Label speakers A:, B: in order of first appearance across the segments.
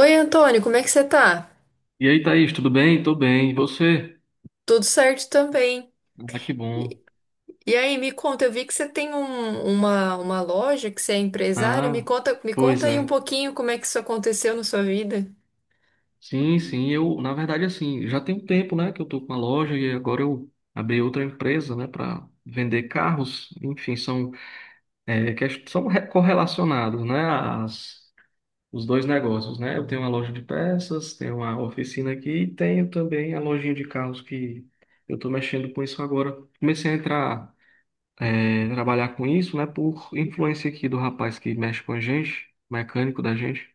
A: Oi, Antônio, como é que você tá?
B: E aí, Thaís, tudo bem? Tô bem. E você?
A: Tudo certo também.
B: Ah, que bom.
A: E aí, me conta, eu vi que você tem uma loja, que você é empresário.
B: Ah,
A: Me
B: pois
A: conta aí um
B: é.
A: pouquinho como é que isso aconteceu na sua vida.
B: Sim, sim, eu, na verdade, assim, já tem um tempo, né, que eu tô com a loja e agora eu abri outra empresa, né, para vender carros. Enfim, são, correlacionados, né, as, os dois negócios, né? Eu tenho uma loja de peças, tenho uma oficina aqui e tenho também a lojinha de carros que eu tô mexendo com isso agora. Comecei a entrar. Trabalhar com isso, né? Por influência aqui do rapaz que mexe com a gente, mecânico da gente.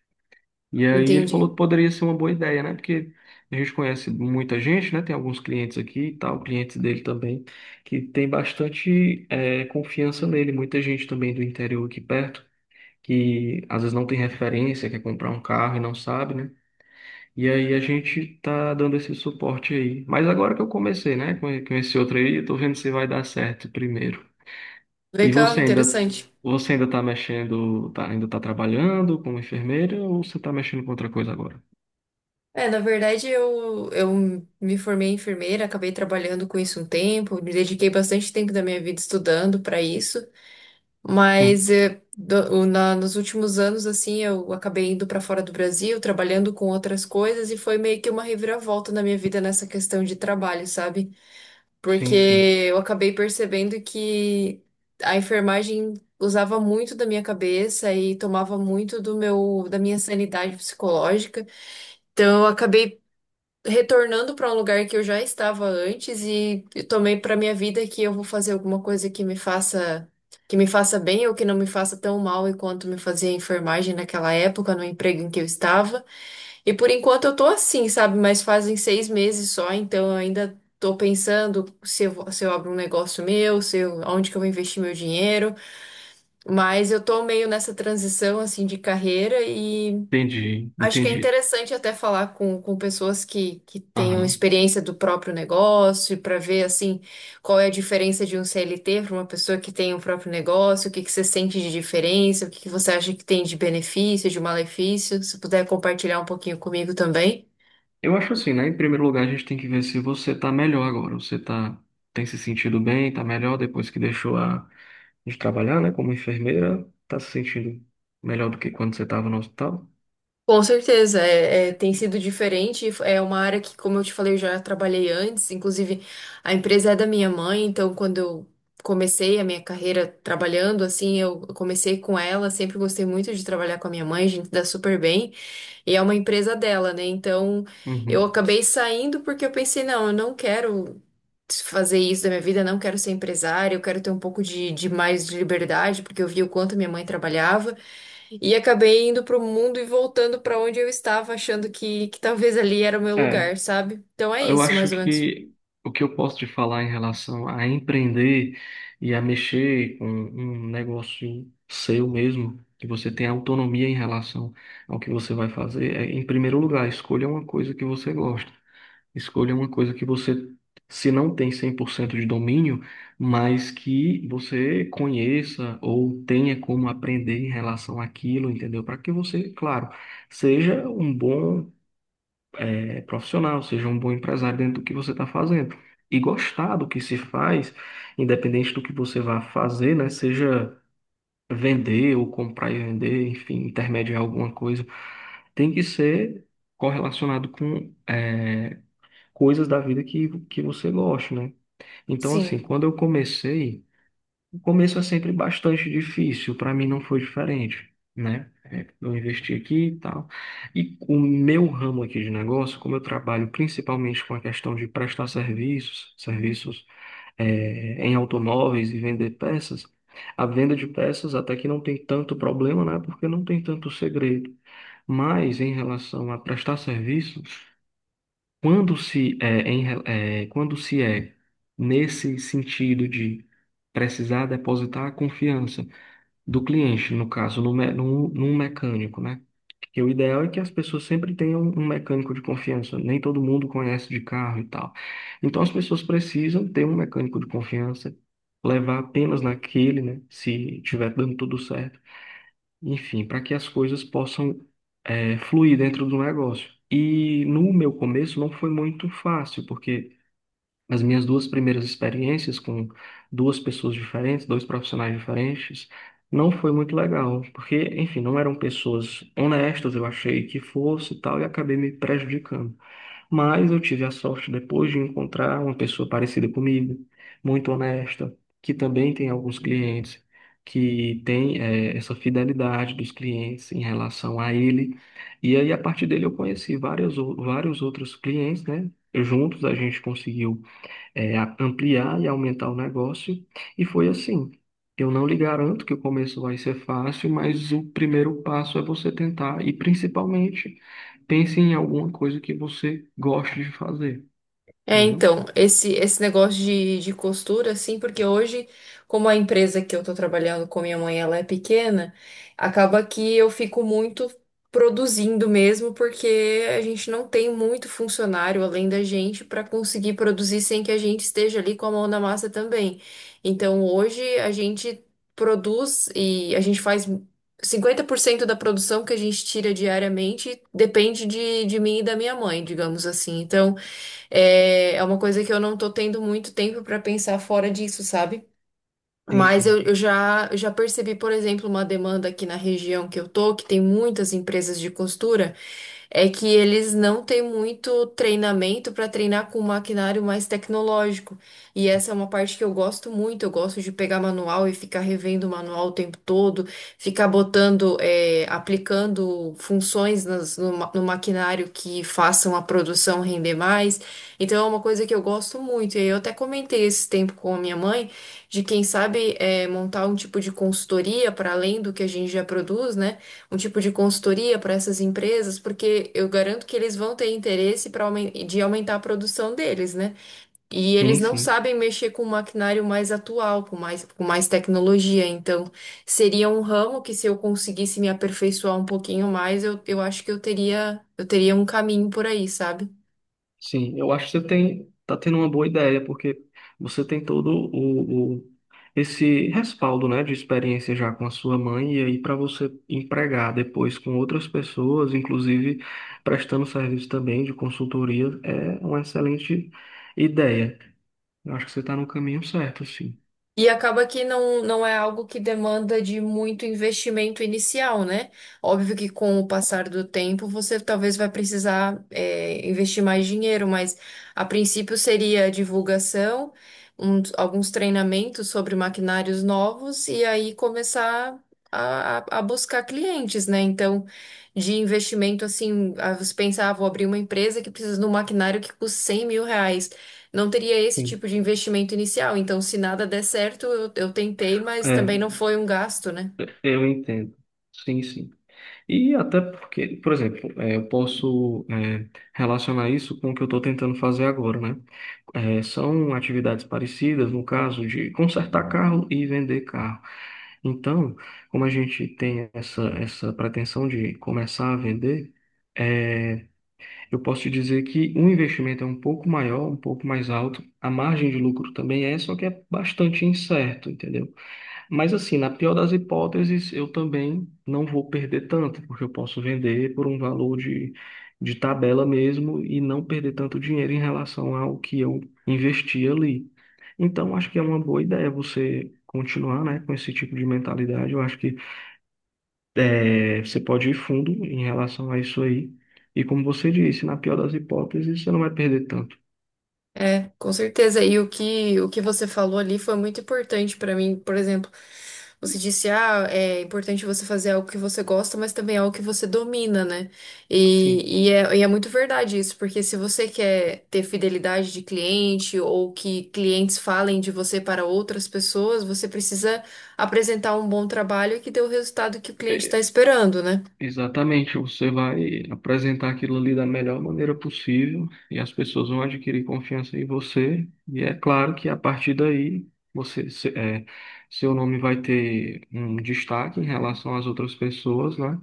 B: E aí ele falou
A: Entendi.
B: que poderia ser uma boa ideia, né? Porque a gente conhece muita gente, né? Tem alguns clientes aqui e tal, clientes dele também, que tem bastante confiança nele. Muita gente também do interior aqui perto, que às vezes não tem referência, quer comprar um carro e não sabe, né? E aí a gente tá dando esse suporte aí. Mas agora que eu comecei, né? Com esse outro aí, eu tô vendo se vai dar certo primeiro. E
A: Legal, interessante.
B: você ainda está mexendo, tá, ainda está trabalhando como enfermeira ou você está mexendo com outra coisa agora?
A: É, na verdade, eu me formei em enfermeira, acabei trabalhando com isso um tempo, me dediquei bastante tempo da minha vida estudando para isso.
B: Sim,
A: Mas nos últimos anos, assim, eu acabei indo para fora do Brasil, trabalhando com outras coisas, e foi meio que uma reviravolta na minha vida nessa questão de trabalho, sabe? Porque
B: sim, sim.
A: eu acabei percebendo que a enfermagem usava muito da minha cabeça e tomava muito da minha sanidade psicológica. Então, eu acabei retornando para um lugar que eu já estava antes e eu tomei para minha vida que eu vou fazer alguma coisa que me faça bem ou que não me faça tão mal e quanto me fazia a enfermagem naquela época, no emprego em que eu estava. E por enquanto eu tô assim, sabe? Mas fazem seis meses só, então eu ainda tô pensando se eu abro um negócio meu, se eu, onde que eu vou investir meu dinheiro. Mas eu tô meio nessa transição assim de carreira.
B: Entendi,
A: Acho que é
B: entendi.
A: interessante até falar com pessoas que tenham
B: Aham.
A: experiência do próprio negócio para ver assim qual é a diferença de um CLT para uma pessoa que tem o próprio negócio, o que que você sente de diferença, o que que você acha que tem de benefício, de malefício. Se puder compartilhar um pouquinho comigo também.
B: Eu acho assim, né? Em primeiro lugar, a gente tem que ver se você está melhor agora. Você tá, tem se sentido bem, está melhor depois que deixou a, de trabalhar, né? Como enfermeira, está se sentindo melhor do que quando você estava no hospital?
A: Com certeza, tem sido diferente. É uma área que, como eu te falei, eu já trabalhei antes. Inclusive, a empresa é da minha mãe, então quando eu comecei a minha carreira trabalhando, assim, eu comecei com ela. Sempre gostei muito de trabalhar com a minha mãe, a gente dá super bem. E é uma empresa dela, né? Então, eu
B: Uhum.
A: acabei saindo porque eu pensei, não, eu não quero fazer isso da minha vida, não quero ser empresária, eu quero ter um pouco de mais de liberdade, porque eu vi o quanto minha mãe trabalhava. E acabei indo pro mundo e voltando pra onde eu estava, achando que talvez ali era o meu
B: É.
A: lugar, sabe? Então é
B: Eu
A: isso,
B: acho
A: mais ou menos.
B: que o que eu posso te falar em relação a empreender e a mexer com um negócio seu mesmo, que você tem autonomia em relação ao que você vai fazer, é, em primeiro lugar, escolha uma coisa que você gosta. Escolha uma coisa que você, se não tem 100% de domínio, mas que você conheça ou tenha como aprender em relação àquilo, entendeu? Para que você, claro, seja um bom profissional, seja um bom empresário dentro do que você está fazendo. E gostar do que se faz, independente do que você vá fazer, né? Seja vender ou comprar e vender, enfim, intermediar alguma coisa, tem que ser correlacionado com coisas da vida que você gosta, né? Então, assim,
A: Sim.
B: quando eu comecei. O começo é sempre bastante difícil, para mim não foi diferente, né? É, eu investi aqui e tal. E o meu ramo aqui de negócio, como eu trabalho principalmente com a questão de prestar serviços, serviços em automóveis e vender peças, a venda de peças até que não tem tanto problema, né? Porque não tem tanto segredo. Mas em relação a prestar serviços quando se é nesse sentido de precisar depositar a confiança do cliente, no caso, no, me- no, num mecânico, né? Que o ideal é que as pessoas sempre tenham um mecânico de confiança. Nem todo mundo conhece de carro e tal. Então as pessoas precisam ter um mecânico de confiança, levar apenas naquele, né? Se tiver dando tudo certo enfim, para que as coisas possam fluir dentro do negócio. E no meu começo não foi muito fácil, porque as minhas duas primeiras experiências com duas pessoas diferentes, dois profissionais diferentes, não foi muito legal, porque, enfim, não eram pessoas honestas, eu achei que fosse e tal, e acabei me prejudicando. Mas eu tive a sorte depois de encontrar uma pessoa parecida comigo, muito honesta, que também tem alguns clientes, que tem essa fidelidade dos clientes em relação a ele. E aí, a partir dele, eu conheci vários outros clientes, né? Juntos a gente conseguiu ampliar e aumentar o negócio. E foi assim. Eu não lhe garanto que o começo vai ser fácil, mas o primeiro passo é você tentar e principalmente pense em alguma coisa que você goste de fazer,
A: É,
B: entendeu?
A: então, esse negócio de costura, assim, porque hoje, como a empresa que eu tô trabalhando com minha mãe, ela é pequena, acaba que eu fico muito produzindo mesmo, porque a gente não tem muito funcionário além da gente para conseguir produzir sem que a gente esteja ali com a mão na massa também. Então, hoje a gente produz e a gente faz 50% da produção que a gente tira diariamente depende de mim e da minha mãe, digamos assim. Então, é uma coisa que eu não tô tendo muito tempo pra pensar fora disso, sabe?
B: Sim,
A: Mas
B: sim.
A: eu já percebi, por exemplo, uma demanda aqui na região que eu tô, que tem muitas empresas de costura é que eles não têm muito treinamento para treinar com um maquinário mais tecnológico. E essa é uma parte que eu gosto muito. Eu gosto de pegar manual e ficar revendo o manual o tempo todo, ficar botando, aplicando funções no maquinário que façam a produção render mais. Então é uma coisa que eu gosto muito. E eu até comentei esse tempo com a minha mãe de quem sabe montar um tipo de consultoria para além do que a gente já produz, né? Um tipo de consultoria para essas empresas, porque eu garanto que eles vão ter interesse para de aumentar a produção deles, né? E eles
B: Sim,
A: não
B: sim.
A: sabem mexer com um maquinário mais atual, com mais tecnologia. Então, seria um ramo que se eu conseguisse me aperfeiçoar um pouquinho mais, eu acho que eu teria um caminho por aí, sabe?
B: Sim, eu acho que você tem, tá tendo uma boa ideia, porque você tem esse respaldo, né, de experiência já com a sua mãe, e aí para você empregar depois com outras pessoas, inclusive prestando serviço também de consultoria, é uma excelente ideia. Eu acho que você está no caminho certo, sim.
A: E acaba que não é algo que demanda de muito investimento inicial, né? Óbvio que com o passar do tempo você talvez vai precisar, investir mais dinheiro, mas a princípio seria divulgação, alguns treinamentos sobre maquinários novos e aí começar a buscar clientes, né? Então, de investimento assim, ah, você pensa, ah, vou abrir uma empresa que precisa de um maquinário que custe R$ 100.000, não teria esse
B: Sim.
A: tipo de investimento inicial. Então, se nada der certo, eu tentei, mas
B: É,
A: também não foi um gasto, né?
B: eu entendo. Sim, sim. E até porque, por exemplo, eu posso relacionar isso com o que eu estou tentando fazer agora, né? São atividades parecidas, no caso de consertar carro e vender carro. Então, como a gente tem essa, essa pretensão de começar a vender, eh, eu posso te dizer que o investimento é um pouco maior, um pouco mais alto, a margem de lucro também é, só que é bastante incerto, entendeu? Mas assim, na pior das hipóteses, eu também não vou perder tanto, porque eu posso vender por um valor de tabela mesmo e não perder tanto dinheiro em relação ao que eu investi ali. Então, acho que é uma boa ideia você continuar, né, com esse tipo de mentalidade. Eu acho que você pode ir fundo em relação a isso aí. E como você disse, na pior das hipóteses, você não vai perder tanto.
A: É, com certeza. E o que você falou ali foi muito importante para mim. Por exemplo, você disse, ah, é importante você fazer algo que você gosta, mas também é algo que você domina, né?
B: Sim.
A: E é muito verdade isso, porque se você quer ter fidelidade de cliente ou que clientes falem de você para outras pessoas, você precisa apresentar um bom trabalho que dê o resultado que o cliente está esperando, né?
B: Exatamente, você vai apresentar aquilo ali da melhor maneira possível e as pessoas vão adquirir confiança em você. E é claro que a partir daí você, se- é, seu nome vai ter um destaque em relação às outras pessoas, né?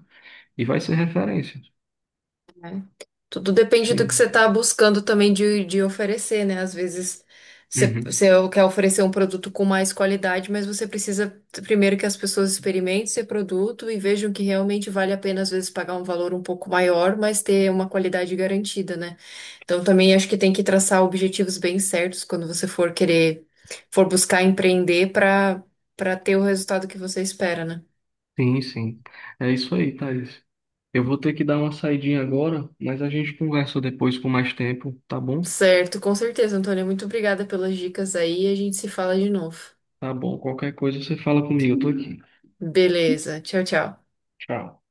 B: E vai ser referência.
A: Tudo depende do que você
B: Sim.
A: está buscando também de oferecer, né? Às vezes
B: Uhum.
A: você quer oferecer um produto com mais qualidade, mas você precisa primeiro que as pessoas experimentem esse produto e vejam que realmente vale a pena, às vezes, pagar um valor um pouco maior, mas ter uma qualidade garantida, né? Então também acho que tem que traçar objetivos bem certos quando você for querer, for buscar empreender para ter o resultado que você espera, né?
B: Sim, sim. É isso aí, Thaís. Eu vou ter que dar uma saidinha agora, mas a gente conversa depois com mais tempo, tá bom?
A: Certo, com certeza, Antônia. Muito obrigada pelas dicas aí. E a gente se fala de novo.
B: Tá bom. Qualquer coisa você fala comigo, eu tô aqui.
A: Beleza. Tchau, tchau.
B: Tchau.